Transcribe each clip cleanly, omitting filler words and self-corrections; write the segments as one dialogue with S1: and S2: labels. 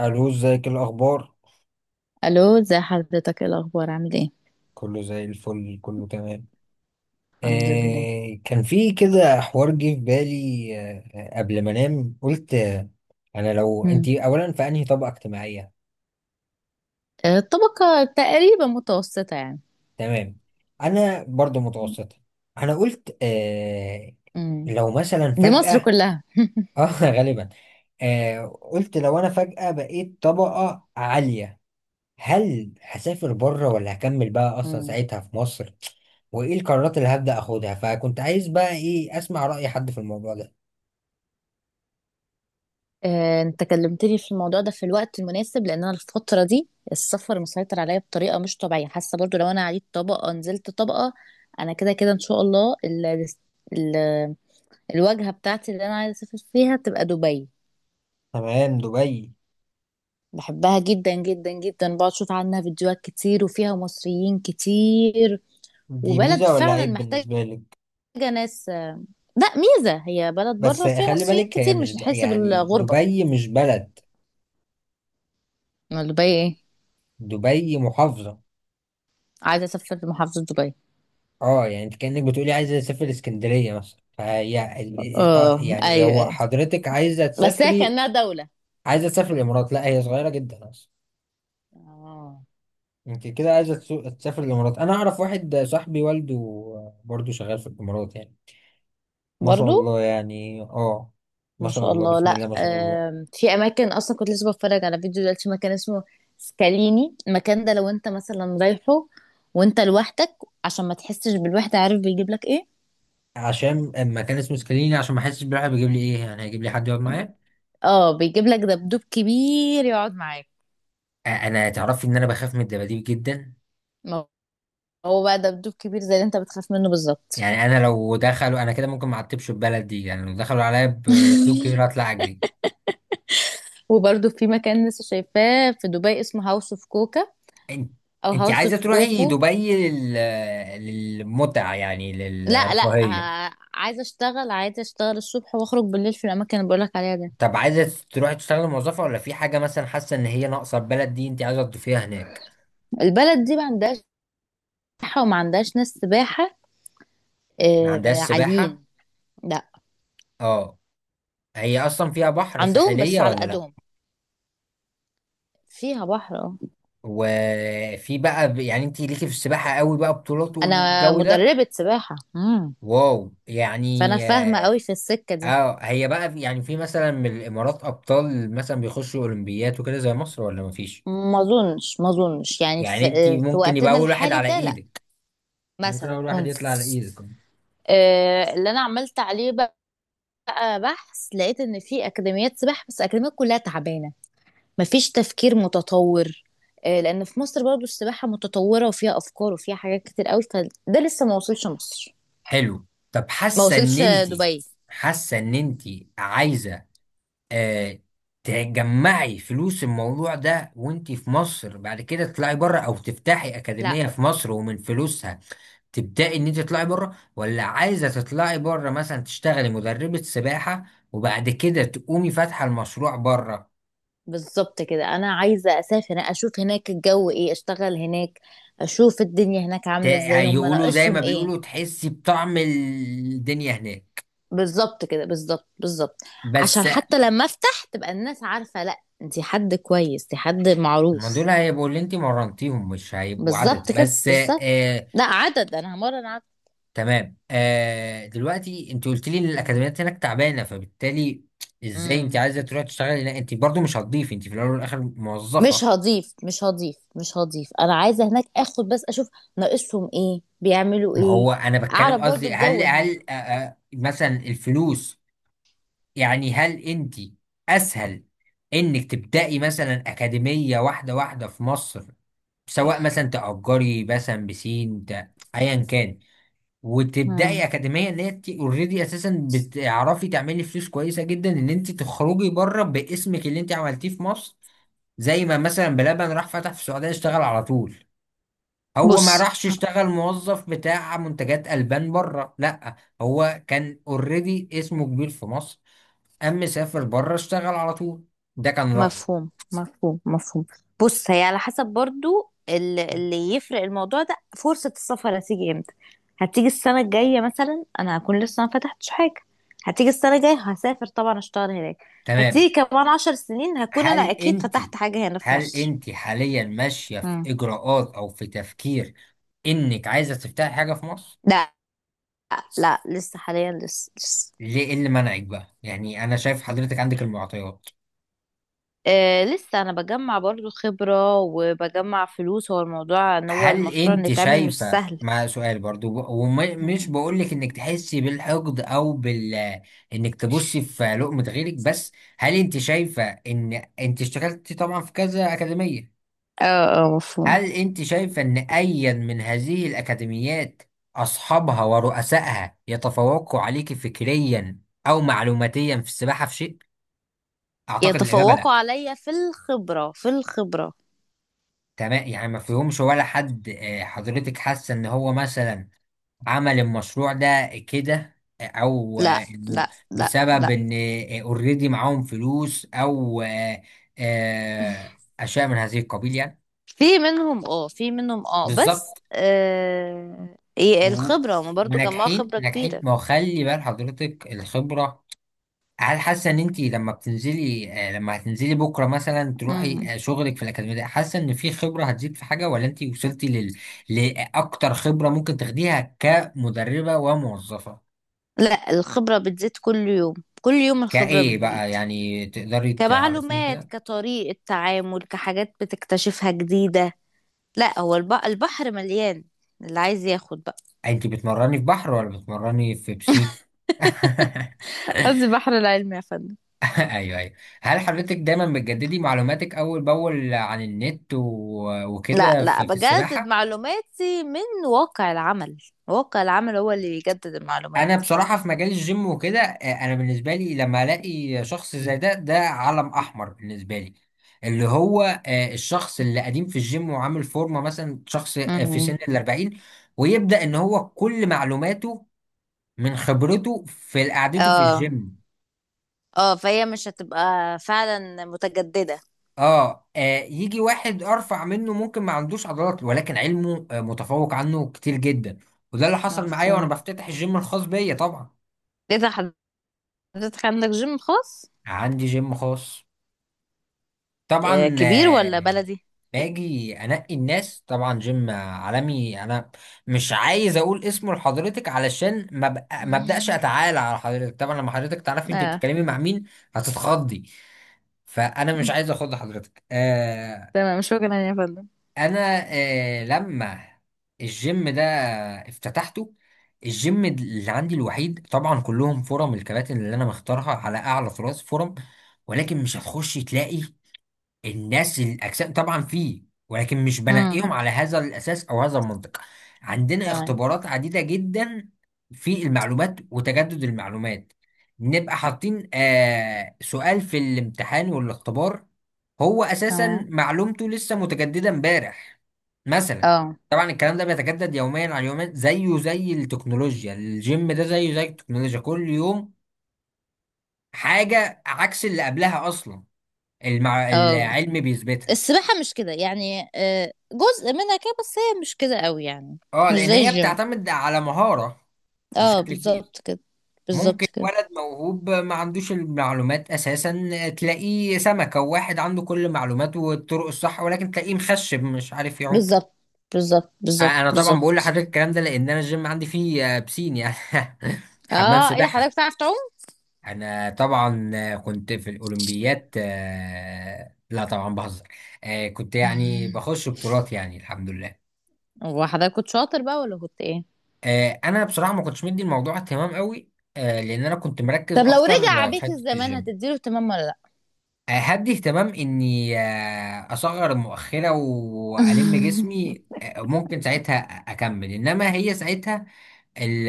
S1: الو، ازيك؟ إيه الاخبار؟
S2: الو، ازي حضرتك؟ ايه الاخبار؟ عامل ايه؟
S1: كله زي الفل، كله تمام.
S2: الحمد لله.
S1: كان في كده حوار جه في بالي، قبل ما انام قلت. انا، لو انت
S2: مم.
S1: اولا في انهي طبقه اجتماعيه؟
S2: الطبقه تقريبا متوسطه يعني.
S1: تمام. انا برضو متوسطه. انا قلت
S2: مم.
S1: لو مثلا
S2: دي مصر
S1: فجاه.
S2: كلها.
S1: اه، غالبا. قلت لو انا فجاه بقيت طبقه عاليه، هل هسافر بره ولا هكمل بقى اصلا
S2: مم.
S1: ساعتها في مصر؟ وايه القرارات اللي هبدأ اخدها؟ فكنت عايز بقى ايه، اسمع رأي حد في الموضوع ده.
S2: انت كلمتني في الموضوع ده في الوقت المناسب، لان انا الفتره دي السفر مسيطر عليا بطريقه مش طبيعيه. حاسه برضو لو انا عليت طبقه نزلت طبقه. انا كده كده ان شاء الله ال... الواجهه بتاعتي اللي انا عايزه اسافر فيها تبقى دبي.
S1: تمام، دبي.
S2: بحبها جدا جدا جدا، بقعد اشوف عنها فيديوهات كتير وفيها مصريين كتير،
S1: دي
S2: وبلد
S1: ميزة ولا
S2: فعلا
S1: عيب
S2: محتاجه
S1: بالنسبة لك؟
S2: حاجة ناس. لا، ميزة. هي بلد
S1: بس
S2: بره فيها
S1: خلي
S2: مصريين
S1: بالك، هي
S2: كتير،
S1: مش
S2: مش هتحس
S1: يعني
S2: بالغربة.
S1: دبي مش بلد.
S2: أمال دبي ايه؟
S1: دبي محافظة.
S2: عايزة اسافر لمحافظة دبي.
S1: اه يعني انت كأنك بتقولي عايزة اسافر اسكندرية مثلا، فهي
S2: اه،
S1: يعني
S2: ايوه
S1: هو
S2: ايوه،
S1: حضرتك عايزة
S2: بس هي
S1: تسافري؟
S2: كأنها دولة.
S1: عايزة تسافر الامارات، لا هي صغيرة جدا اصلا.
S2: اه.
S1: انت كده عايزه تسافر الامارات. انا اعرف واحد صاحبي والده برضه شغال في الامارات يعني. ما شاء
S2: برضو.
S1: الله يعني، اه. ما
S2: ما
S1: شاء
S2: شاء
S1: الله،
S2: الله.
S1: بسم
S2: لا،
S1: الله ما شاء الله.
S2: في اماكن، اصلا كنت لسه بتفرج على فيديو دلوقتي، مكان اسمه سكاليني. المكان ده لو انت مثلا رايحه وانت لوحدك، عشان ما تحسش بالوحدة، عارف بيجيب لك ايه؟
S1: عشان اما كان اسمه سكاليني، عشان ما احسش بالراحه بيجيب لي ايه؟ يعني هيجيب لي حد يقعد معايا؟
S2: اه، بيجيب لك دبدوب كبير يقعد معاك.
S1: انا تعرفي ان انا بخاف من الدباديب جدا.
S2: ما هو بقى دبدوب كبير زي اللي انت بتخاف منه بالظبط.
S1: يعني انا لو دخلوا انا كده ممكن ما اعتبش البلد دي، يعني لو دخلوا عليا بلابتوب كبير اطلع اجري.
S2: وبرضه في مكان لسه شايفاه في دبي اسمه هاوس اوف كوكا،
S1: انت
S2: او
S1: انت
S2: هاوس
S1: عايزه
S2: اوف
S1: تروحي
S2: كوكو.
S1: دبي للمتعه؟ يعني
S2: لا لا،
S1: للرفاهيه؟
S2: عايزه اشتغل، عايزه اشتغل الصبح واخرج بالليل في الاماكن اللي بقولك عليها دي.
S1: طب عايزة تروحي تشتغلي موظفة، ولا في حاجة مثلا حاسة ان هي ناقصة البلد دي، انت عايزة تضيفيها هناك؟
S2: البلد دي ما عندهاش سباحه، وما عندهاش ناس سباحه
S1: ما عندهاش سباحة؟
S2: عاليين. لا،
S1: اه. هي اصلا فيها بحر؟
S2: عندهم بس
S1: ساحلية
S2: على
S1: ولا لا؟
S2: قدهم. فيها بحر، اه.
S1: وفي بقى يعني انت ليكي في السباحة قوي بقى، بطولات
S2: انا
S1: والجو ده؟
S2: مدربه سباحه. مم.
S1: واو، يعني
S2: فانا فاهمه
S1: اه.
S2: قوي في السكه دي.
S1: هي بقى يعني في مثلا من الامارات ابطال مثلا بيخشوا اولمبيات وكده زي مصر ولا مفيش؟
S2: ما اظنش، يعني
S1: يعني انت
S2: في
S1: ممكن يبقى
S2: وقتنا
S1: اول واحد
S2: الحالي
S1: على
S2: ده لا،
S1: ايدك. ممكن
S2: مثلا
S1: اول واحد
S2: ممكن.
S1: يطلع على ايدك.
S2: اللي انا عملت عليه بقى بحث، لقيت ان في اكاديميات سباحه، بس الاكاديميات كلها تعبانه، مفيش تفكير متطور. لان في مصر برضو السباحه متطوره وفيها افكار وفيها حاجات كتير قوي، فده لسه ما وصلش مصر.
S1: حلو. طب
S2: ما وصلش دبي.
S1: حاسه ان انت عايزه آه تجمعي فلوس الموضوع ده وانت في مصر، بعد كده تطلعي بره او تفتحي
S2: لا.
S1: اكاديميه في مصر ومن فلوسها تبداي ان انت تطلعي بره، ولا عايزه تطلعي بره مثلا تشتغلي مدربه سباحه وبعد كده تقومي فاتحه المشروع بره؟
S2: بالظبط كده، انا عايزه اسافر، اشوف هناك الجو ايه، اشتغل هناك، اشوف الدنيا هناك عامله ازاي، هم
S1: يقولوا زي ما
S2: ناقصهم ايه.
S1: بيقولوا تحسي بطعم الدنيا هناك.
S2: بالظبط كده، بالظبط بالظبط. عشان
S1: بس.
S2: حتى لما افتح تبقى الناس عارفه، لا انتي حد كويس، انتي حد
S1: ما
S2: معروف.
S1: دول هيبقوا اللي انت مرنتيهم، مش هيبقوا عدد
S2: بالظبط كده،
S1: بس.
S2: بالظبط.
S1: آه.
S2: لا عدد، انا همرن عدد.
S1: تمام. دلوقتي انت قلت لي ان
S2: مم.
S1: الاكاديميات هناك تعبانه، فبالتالي ازاي انت
S2: مم.
S1: عايزه تروحي تشتغلي هناك؟ انت برضو مش هتضيفي، انت في الاول والاخر موظفه.
S2: مش هضيف، مش هضيف، مش هضيف. انا عايزه هناك اخد بس، اشوف ناقصهم ايه، بيعملوا
S1: ما
S2: ايه.
S1: هو انا بتكلم
S2: اعرف برضو
S1: قصدي، هل
S2: الجو هناك.
S1: هل مثلا الفلوس، يعني هل انت اسهل انك تبداي مثلا اكاديميه واحده واحده في مصر، سواء
S2: مم.
S1: مثلا تأجري مثلا بسين ايا كان،
S2: مم.
S1: وتبداي اكاديميه. اللي انت اوريدي اساسا بتعرفي تعملي فلوس كويسه جدا، ان انت تخرجي بره باسمك اللي انت عملتيه في مصر. زي ما مثلا بلبن راح فتح في السعوديه، اشتغل على طول. هو ما
S2: بص.
S1: راحش اشتغل موظف بتاع منتجات البان بره، لا. هو كان اوريدي اسمه كبير في مصر، اما سافر بره اشتغل على طول. ده كان رايي.
S2: مفهوم مفهوم مفهوم. بص، هي على حسب برضو اللي يفرق الموضوع ده، فرصة السفر هتيجي امتى. هتيجي السنة الجاية مثلا، انا هكون لسه ما فتحتش حاجة. هتيجي السنة الجاية، هسافر طبعا اشتغل هناك.
S1: تمام.
S2: هتيجي كمان 10 سنين، هكون انا
S1: هل
S2: اكيد
S1: انت
S2: فتحت حاجة هنا في
S1: هل
S2: مصر.
S1: انت حاليا ماشيه في
S2: مم.
S1: اجراءات او في تفكير انك عايزه تفتحي حاجه في مصر؟
S2: لا لا، لسه حاليا، لسه لسه.
S1: ليه؟ ايه اللي منعك بقى؟ يعني انا شايف حضرتك عندك المعطيات.
S2: آه، لسه انا بجمع برضو خبرة، وبجمع فلوس. هو الموضوع ان هو
S1: هل
S2: المشروع اللي
S1: انت
S2: اتعمل مش
S1: شايفة،
S2: سهل.
S1: مع سؤال برضو ومش
S2: مم.
S1: بقولك انك تحسي بالحقد او انك تبصي في لقمة غيرك، بس هل انت شايفة ان انت اشتغلتي طبعا في كذا اكاديمية،
S2: اه. اه مفهوم.
S1: هل انت شايفة ان ايا من هذه الاكاديميات اصحابها ورؤسائها يتفوقوا عليك فكريا او معلوماتيا في السباحة في شيء؟ اعتقد الاجابة
S2: يتفوقوا
S1: لا.
S2: عليا في الخبرة، في الخبرة.
S1: تمام، يعني ما فيهمش ولا حد؟ حضرتك حاسه ان هو مثلا عمل المشروع ده كده، او
S2: لا
S1: انه
S2: لا. لا
S1: بسبب
S2: لا.
S1: ان اوريدي معاهم فلوس، او اشياء من هذه القبيل يعني.
S2: في منهم اه، في منهم اه، بس
S1: بالظبط.
S2: إيه
S1: و-
S2: الخبرة، ما برضو جمعوا
S1: وناجحين
S2: خبرة
S1: ناجحين،
S2: كبيرة.
S1: ما هو خلي بال حضرتك الخبره. هل حاسه ان انت لما بتنزلي آه، لما هتنزلي بكره مثلا تروحي
S2: مم.
S1: شغلك في الاكاديميه، ده حاسه ان في خبره هتزيد في حاجه؟ ولا انت وصلتي لاكتر خبره ممكن تاخديها كمدربه وموظفه؟
S2: لا، الخبرة بتزيد كل يوم، كل يوم الخبرة
S1: كايه
S2: بتزيد.
S1: بقى، يعني تقدري تعرفيني
S2: كمعلومات،
S1: كده؟
S2: كطريقة تعامل، كحاجات بتكتشفها جديدة. لا، هو البحر مليان، اللي عايز ياخد بقى.
S1: انت بتمرني في بحر ولا بتمرني في بسين؟
S2: قصدي بحر العلم، يا فندم.
S1: ايوه، ايوه. هل حضرتك دايما بتجددي معلوماتك اول باول عن النت
S2: لا
S1: وكده
S2: لا،
S1: في
S2: بجدد
S1: السباحه؟
S2: معلوماتي من واقع العمل. واقع العمل هو اللي بيجدد المعلومات.
S1: انا بصراحه في مجال الجيم وكده، انا بالنسبه لي لما الاقي شخص زي ده، ده علم احمر بالنسبه لي. اللي هو الشخص اللي قديم في الجيم وعامل فورمه، مثلا شخص في سن
S2: امم.
S1: الاربعين، ويبدا ان هو كل معلوماته من خبرته في قعدته في
S2: اه.
S1: الجيم.
S2: اه، فهي مش هتبقى فعلا متجددة.
S1: يجي واحد ارفع منه ممكن ما عندوش عضلات، ولكن علمه متفوق عنه كتير جدا. وده اللي حصل معايا وانا
S2: مفهوم.
S1: بفتتح الجيم الخاص بيا طبعا.
S2: ايه ده، حضرتك عندك جيم خاص؟
S1: عندي جيم خاص.
S2: آه،
S1: طبعا.
S2: كبير ولا بلدي؟
S1: باجي انقي الناس، طبعا جيم عالمي انا. مش عايز اقول اسمه لحضرتك علشان ما ابداش
S2: مم.
S1: اتعالى على حضرتك. طبعا لما حضرتك تعرفي انت
S2: اه.
S1: بتتكلمي مع مين هتتخضي، فانا مش
S2: مم.
S1: عايز اخض حضرتك.
S2: تمام، مش فاكرة يعني يا فندم.
S1: انا لما الجيم ده افتتحته، الجيم اللي عندي الوحيد طبعا كلهم فرم، الكباتن اللي انا مختارها على اعلى طراز فرم. ولكن مش هتخش تلاقي الناس الاجسام طبعا فيه، ولكن مش
S2: امم.
S1: بنقيهم على هذا الاساس او هذا المنطق. عندنا
S2: تمام.
S1: اختبارات عديده جدا في المعلومات وتجدد المعلومات. نبقى حاطين سؤال في الامتحان والاختبار، هو اساسا
S2: تمام.
S1: معلومته لسه متجدده امبارح مثلا.
S2: اه.
S1: طبعا الكلام ده بيتجدد يوميا على يومين، زيه زي التكنولوجيا. الجيم ده زيه زي التكنولوجيا، كل يوم حاجه عكس اللي قبلها اصلا.
S2: اه.
S1: العلم بيثبتها.
S2: السباحة مش كده يعني، جزء منها كده، بس هي مش كده قوي يعني.
S1: اه،
S2: مش
S1: لان
S2: زي
S1: هي
S2: الجيم.
S1: بتعتمد على مهارة
S2: اه
S1: بشكل كبير.
S2: بالظبط كده.
S1: ممكن
S2: بالظبط كده.
S1: ولد موهوب ما عندوش المعلومات اساسا، تلاقيه سمكة، وواحد عنده كل المعلومات والطرق الصح ولكن تلاقيه مخشب مش عارف يعوم.
S2: بالظبط بالظبط بالظبط
S1: انا طبعا بقول
S2: بالظبط.
S1: لحضرتك الكلام ده لان انا الجيم عندي فيه بسين يعني، حمام
S2: اه، ايه ده، حضرتك
S1: سباحة.
S2: بتعرف تعوم؟
S1: انا طبعا كنت في الاولمبيات. لا طبعا بهزر. كنت يعني
S2: مم.
S1: بخش بطولات، يعني الحمد لله.
S2: هو حضرتك كنت شاطر بقى ولا كنت ايه؟
S1: انا بصراحه ما كنتش مدي الموضوع اهتمام قوي. لان انا كنت
S2: طب
S1: مركز
S2: لو
S1: اكتر
S2: رجع
S1: في
S2: بيك
S1: حته
S2: الزمان،
S1: الجيم.
S2: هتديله اهتمام ولا لا؟
S1: هدي اهتمام اني اصغر المؤخره والم جسمي. ممكن ساعتها اكمل، انما هي ساعتها ال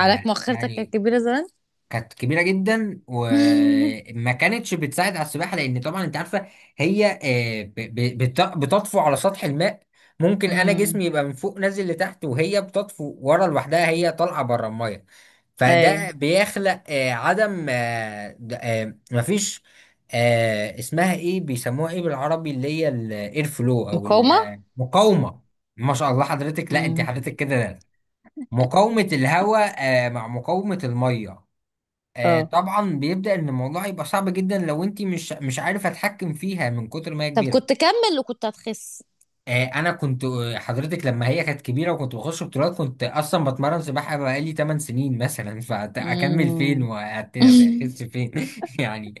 S2: حضرتك مؤخرتك كانت
S1: يعني
S2: كبيره زمان؟
S1: كانت كبيره جدا، وما كانتش بتساعد على السباحه لان طبعا انت عارفه هي بتطفو على سطح الماء. ممكن انا
S2: امم.
S1: جسمي يبقى من فوق نازل لتحت وهي بتطفو ورا لوحدها، هي طالعه بره الميه.
S2: اي.
S1: فده بيخلق عدم مفيش اسمها ايه؟ بيسموها ايه بالعربي اللي هي الاير فلو او
S2: مقاومه.
S1: المقاومه؟ ما شاء الله حضرتك، لا انت
S2: امم.
S1: حضرتك كده. مقاومه الهواء مع مقاومه الميه.
S2: اه.
S1: طبعا بيبدأ ان الموضوع يبقى صعب جدا لو انت مش عارف اتحكم فيها من كتر ما هي
S2: طب
S1: كبيره.
S2: كنت كمل وكنت هتخس؟
S1: آه انا كنت آه، حضرتك لما هي كانت كبيره وكنت بخش بطولات، كنت اصلا بتمرن سباحه بقالي 8 سنين مثلا، فاكمل فين
S2: امم.
S1: واحس فين؟ يعني،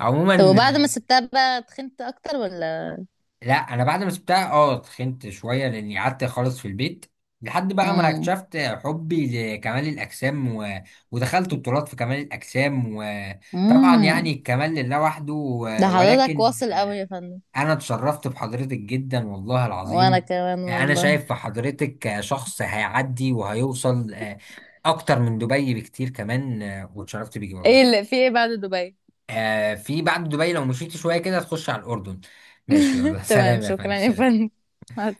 S1: عموما.
S2: طب وبعد ما سبتها بقى، تخنت اكتر ولا؟
S1: لا، انا بعد ما سبتها اتخنت شويه لاني قعدت خالص في البيت، لحد بقى ما
S2: امم.
S1: اكتشفت حبي لكمال الاجسام ودخلت بطولات في كمال الاجسام، وطبعا يعني
S2: امم.
S1: الكمال لله وحده
S2: ده حضرتك
S1: ولكن
S2: واصل قوي يا فندم.
S1: انا اتشرفت بحضرتك جدا والله
S2: وانا
S1: العظيم.
S2: كمان
S1: انا
S2: والله.
S1: شايف في حضرتك شخص هيعدي وهيوصل اكتر من دبي بكتير، كمان واتشرفت بيكي
S2: ايه
S1: والله.
S2: اللي في ايه بعد دبي؟
S1: في بعد دبي لو مشيت شويه كده تخش على الاردن. ماشي، يلا،
S2: تمام،
S1: سلام يا فندم،
S2: شكرا يا
S1: سلام.
S2: فندم. مع